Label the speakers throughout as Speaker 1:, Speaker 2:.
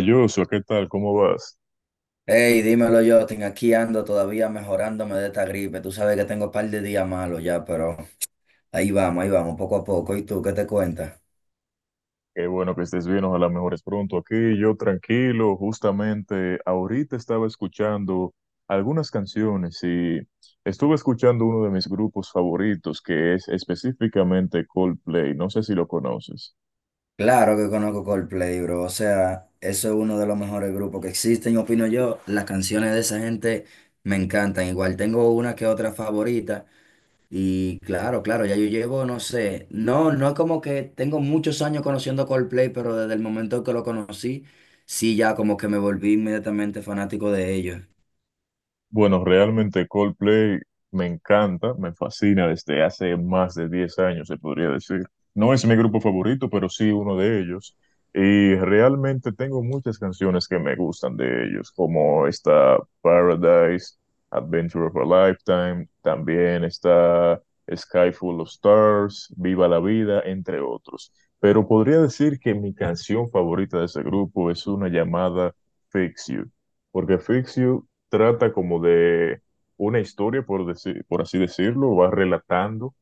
Speaker 1: Joshua, ¿qué tal? ¿Cómo vas?
Speaker 2: Hey, dímelo, Jotin, aquí ando todavía mejorándome de esta gripe. Tú sabes que tengo un par de días malos ya, pero ahí vamos, poco a poco. ¿Y tú qué te cuentas?
Speaker 1: Qué bueno que estés bien, ojalá mejores pronto. Aquí yo tranquilo, justamente ahorita estaba escuchando algunas canciones y estuve escuchando uno de mis grupos favoritos que es específicamente Coldplay, no sé si lo conoces.
Speaker 2: Claro que conozco Coldplay, bro. O sea, eso es uno de los mejores grupos que existen, opino yo. Las canciones de esa gente me encantan. Igual tengo una que otra favorita. Y claro, claro, ya yo llevo, no sé, no, no es como que tengo muchos años conociendo Coldplay, pero desde el momento que lo conocí, sí, ya como que me volví inmediatamente fanático de ellos.
Speaker 1: Bueno, realmente Coldplay me encanta, me fascina desde hace más de 10 años, se podría decir. No es mi grupo favorito, pero sí uno de ellos. Y realmente tengo muchas canciones que me gustan de ellos, como está Paradise, Adventure of a Lifetime, también está Sky Full of Stars, Viva la Vida, entre otros. Pero podría decir que mi canción favorita de ese grupo es una llamada Fix You porque Fix You trata como de una historia, por decir, por así decirlo, va relatando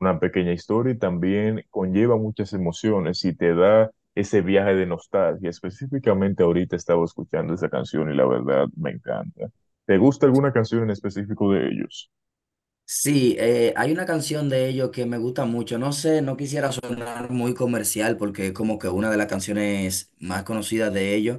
Speaker 1: una pequeña historia y también conlleva muchas emociones y te da ese viaje de nostalgia. Específicamente ahorita estaba escuchando esa canción y la verdad me encanta. ¿Te gusta alguna canción en específico de ellos?
Speaker 2: Sí, hay una canción de ellos que me gusta mucho. No sé, no quisiera sonar muy comercial porque es como que una de las canciones más conocidas de ellos,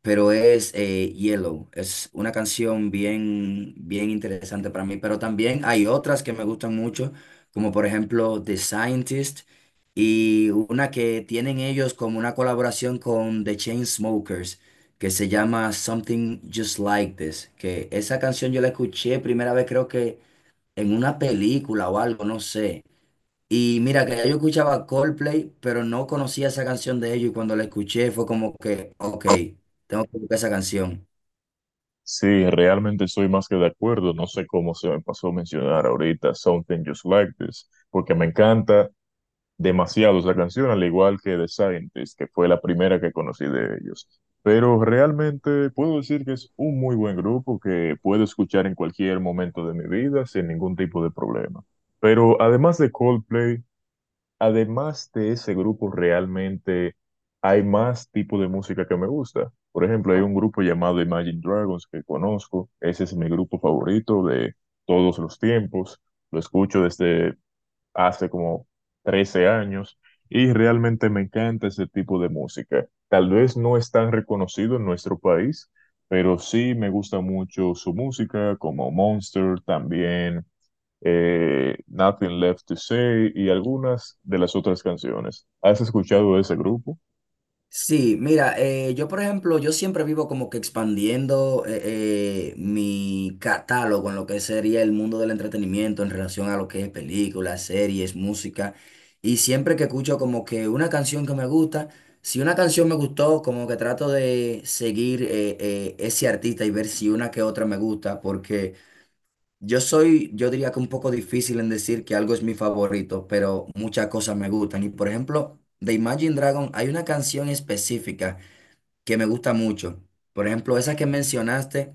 Speaker 2: pero es Yellow. Es una canción bien, bien interesante para mí. Pero también hay otras que me gustan mucho, como por ejemplo The Scientist y una que tienen ellos como una colaboración con The Chainsmokers que se llama Something Just Like This. Que esa canción yo la escuché primera vez creo que en una película o algo, no sé. Y mira, que ya yo escuchaba Coldplay, pero no conocía esa canción de ellos y cuando la escuché fue como que, ok, tengo que buscar esa canción.
Speaker 1: Sí, realmente estoy más que de acuerdo. No sé cómo se me pasó a mencionar ahorita Something Just Like This, porque me encanta demasiado esa canción, al igual que The Scientist, que fue la primera que conocí de ellos. Pero realmente puedo decir que es un muy buen grupo que puedo escuchar en cualquier momento de mi vida sin ningún tipo de problema. Pero además de Coldplay, además de ese grupo, realmente hay más tipo de música que me gusta. Por ejemplo, hay un grupo llamado Imagine Dragons que conozco. Ese es mi grupo favorito de todos los tiempos. Lo escucho desde hace como 13 años y realmente me encanta ese tipo de música. Tal vez no es tan reconocido en nuestro país, pero sí me gusta mucho su música, como Monster, también Nothing Left to Say y algunas de las otras canciones. ¿Has escuchado de ese grupo?
Speaker 2: Sí, mira, yo por ejemplo, yo siempre vivo como que expandiendo mi catálogo en lo que sería el mundo del entretenimiento en relación a lo que es películas, series, música. Y siempre que escucho como que una canción que me gusta, si una canción me gustó, como que trato de seguir ese artista y ver si una que otra me gusta, porque… Yo soy, yo diría que un poco difícil en decir que algo es mi favorito, pero muchas cosas me gustan. Y por ejemplo, de Imagine Dragon hay una canción específica que me gusta mucho. Por ejemplo, esa que mencionaste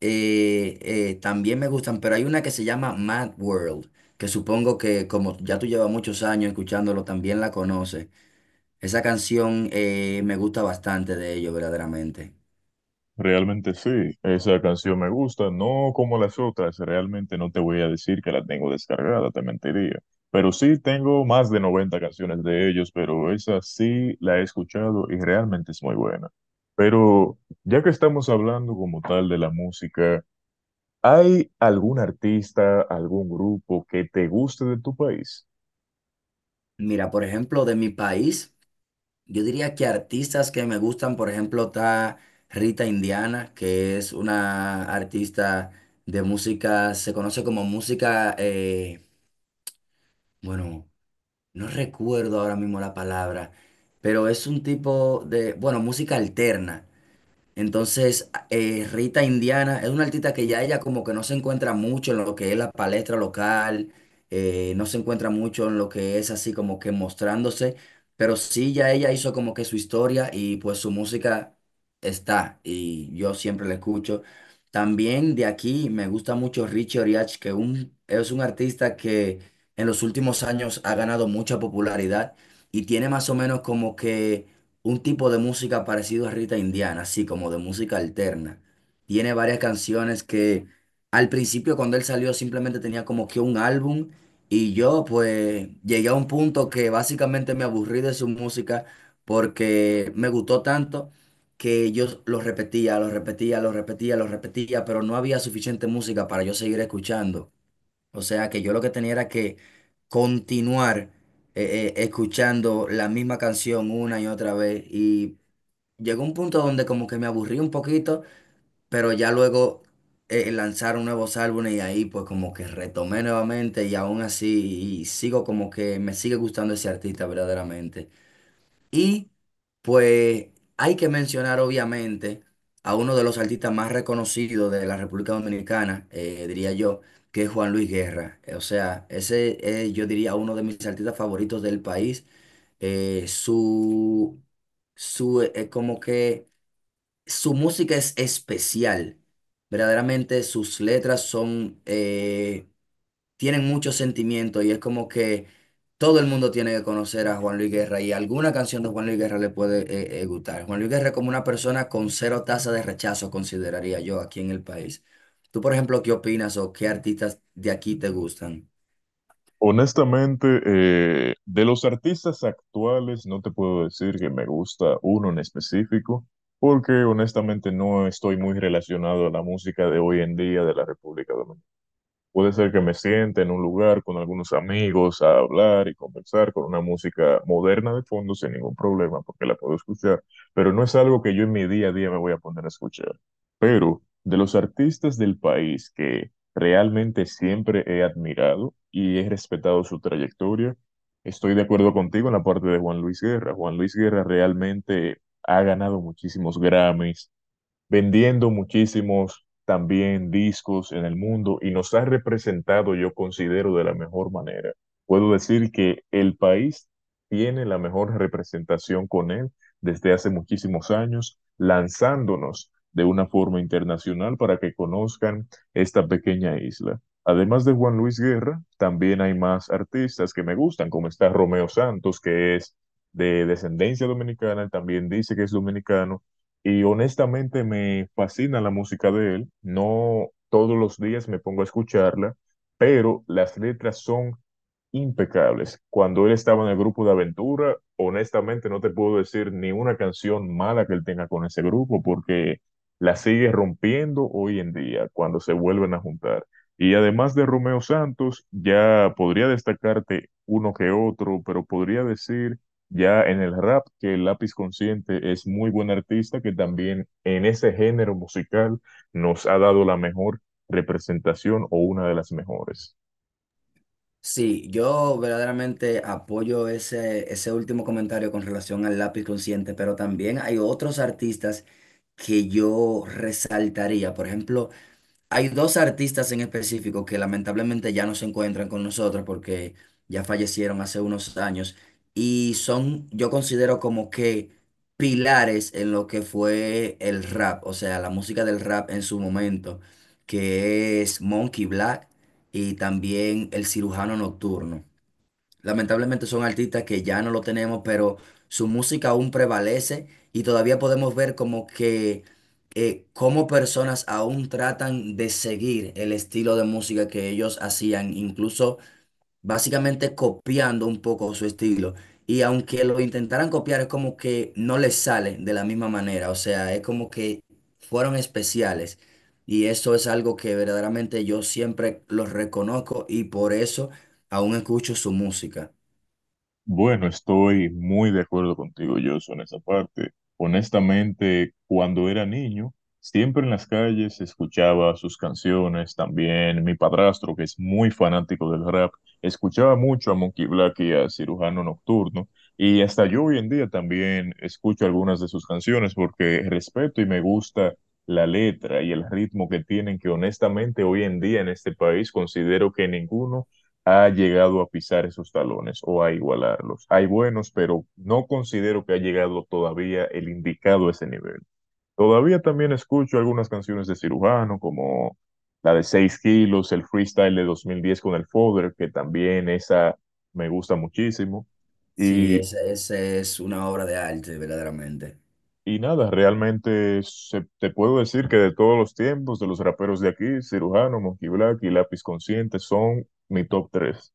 Speaker 2: también me gustan, pero hay una que se llama Mad World, que supongo que como ya tú llevas muchos años escuchándolo, también la conoces. Esa canción me gusta bastante de ello, verdaderamente.
Speaker 1: Realmente sí, esa canción me gusta, no como las otras, realmente no te voy a decir que la tengo descargada, te mentiría. Pero sí tengo más de 90 canciones de ellos, pero esa sí la he escuchado y realmente es muy buena. Pero ya que estamos hablando como tal de la música, ¿hay algún artista, algún grupo que te guste de tu país?
Speaker 2: Mira, por ejemplo, de mi país. Yo diría que artistas que me gustan, por ejemplo, está Rita Indiana, que es una artista de música, se conoce como música, bueno, no recuerdo ahora mismo la palabra, pero es un tipo de, bueno, música alterna. Entonces, Rita Indiana es una artista que ya ella como que no se encuentra mucho en lo que es la palestra local, no se encuentra mucho en lo que es así como que mostrándose, pero sí ya ella hizo como que su historia y pues su música está y yo siempre la escucho. También de aquí me gusta mucho Richie Oriach, que es un artista que en los últimos años ha ganado mucha popularidad y tiene más o menos como que un tipo de música parecido a Rita Indiana, así como de música alterna. Tiene varias canciones que al principio cuando él salió simplemente tenía como que un álbum y yo pues llegué a un punto que básicamente me aburrí de su música porque me gustó tanto que yo lo repetía, pero no había suficiente música para yo seguir escuchando. O sea que yo lo que tenía era que continuar escuchando la misma canción una y otra vez. Y llegó un punto donde como que me aburrí un poquito, pero ya luego lanzaron nuevos álbumes y ahí pues como que retomé nuevamente y aún así y sigo como que me sigue gustando ese artista verdaderamente. Y pues hay que mencionar obviamente a uno de los artistas más reconocidos de la República Dominicana, diría yo, que es Juan Luis Guerra. O sea, ese es, yo diría, uno de mis artistas favoritos del país. Eh, su, como que su música es especial. Verdaderamente sus letras son… tienen mucho sentimiento y es como que todo el mundo tiene que conocer a Juan Luis Guerra y alguna canción de Juan Luis Guerra le puede gustar. Juan Luis Guerra es como una persona con cero tasa de rechazo, consideraría yo, aquí en el país. Tú, por ejemplo, ¿qué opinas o qué artistas de aquí te gustan?
Speaker 1: Honestamente, de los artistas actuales, no te puedo decir que me gusta uno en específico, porque honestamente no estoy muy relacionado a la música de hoy en día de la República Dominicana. Puede ser que me siente en un lugar con algunos amigos a hablar y conversar con una música moderna de fondo sin ningún problema, porque la puedo escuchar, pero no es algo que yo en mi día a día me voy a poner a escuchar. Pero de los artistas del país que realmente siempre he admirado y he respetado su trayectoria, estoy de acuerdo contigo en la parte de Juan Luis Guerra. Juan Luis Guerra realmente ha ganado muchísimos Grammys vendiendo muchísimos también discos en el mundo y nos ha representado, yo considero, de la mejor manera. Puedo decir que el país tiene la mejor representación con él desde hace muchísimos años, lanzándonos de una forma internacional para que conozcan esta pequeña isla. Además de Juan Luis Guerra, también hay más artistas que me gustan, como está Romeo Santos, que es de descendencia dominicana, también dice que es dominicano, y honestamente me fascina la música de él. No todos los días me pongo a escucharla, pero las letras son impecables. Cuando él estaba en el grupo de aventura, honestamente no te puedo decir ni una canción mala que él tenga con ese grupo porque la sigue rompiendo hoy en día cuando se vuelven a juntar. Y además de Romeo Santos, ya podría destacarte uno que otro, pero podría decir ya en el rap que el Lápiz Consciente es muy buen artista que también en ese género musical nos ha dado la mejor representación o una de las mejores.
Speaker 2: Sí, yo verdaderamente apoyo ese último comentario con relación al lápiz consciente, pero también hay otros artistas que yo resaltaría. Por ejemplo, hay dos artistas en específico que lamentablemente ya no se encuentran con nosotros porque ya fallecieron hace unos años y son, yo considero como que pilares en lo que fue el rap, o sea, la música del rap en su momento, que es Monkey Black y también El Cirujano Nocturno. Lamentablemente son artistas que ya no lo tenemos, pero su música aún prevalece y todavía podemos ver como que cómo personas aún tratan de seguir el estilo de música que ellos hacían, incluso básicamente copiando un poco su estilo. Y aunque lo intentaran copiar, es como que no les sale de la misma manera, o sea, es como que fueron especiales. Y eso es algo que verdaderamente yo siempre los reconozco y por eso aún escucho su música.
Speaker 1: Bueno, estoy muy de acuerdo contigo, yo en esa parte. Honestamente, cuando era niño, siempre en las calles escuchaba sus canciones. También mi padrastro, que es muy fanático del rap, escuchaba mucho a Monkey Black y a Cirujano Nocturno. Y hasta yo hoy en día también escucho algunas de sus canciones porque respeto y me gusta la letra y el ritmo que tienen, que honestamente hoy en día en este país considero que ninguno ha llegado a pisar esos talones o a igualarlos. Hay buenos, pero no considero que ha llegado todavía el indicado a ese nivel. Todavía también escucho algunas canciones de cirujano, como la de 6 kilos, el freestyle de 2010 con el Fodder, que también esa me gusta muchísimo.
Speaker 2: Sí,
Speaker 1: Y,
Speaker 2: esa es una obra de arte, verdaderamente.
Speaker 1: y nada, realmente te puedo decir que de todos los tiempos, de los raperos de aquí, cirujano, Monkey Black y Lápiz Consciente son mi top 3.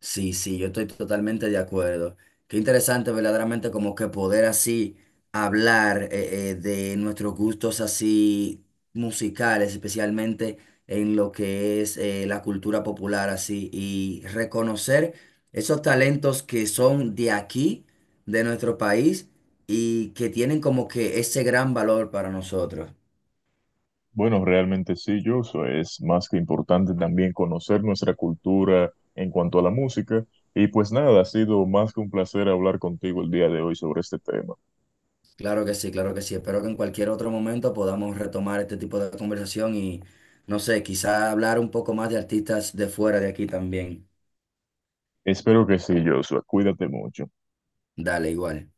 Speaker 2: Sí, sí, yo estoy totalmente de acuerdo. Qué interesante, verdaderamente, como que poder así hablar de nuestros gustos así musicales, especialmente en lo que es la cultura popular así, y reconocer esos talentos que son de aquí, de nuestro país, y que tienen como que ese gran valor para nosotros.
Speaker 1: Bueno, realmente sí, Joshua. Es más que importante también conocer nuestra cultura en cuanto a la música. Y pues nada, ha sido más que un placer hablar contigo el día de hoy sobre este tema.
Speaker 2: Claro que sí, claro que sí. Espero que en cualquier otro momento podamos retomar este tipo de conversación y, no sé, quizá hablar un poco más de artistas de fuera de aquí también.
Speaker 1: Espero que sí, Joshua. Cuídate mucho.
Speaker 2: Dale, igual.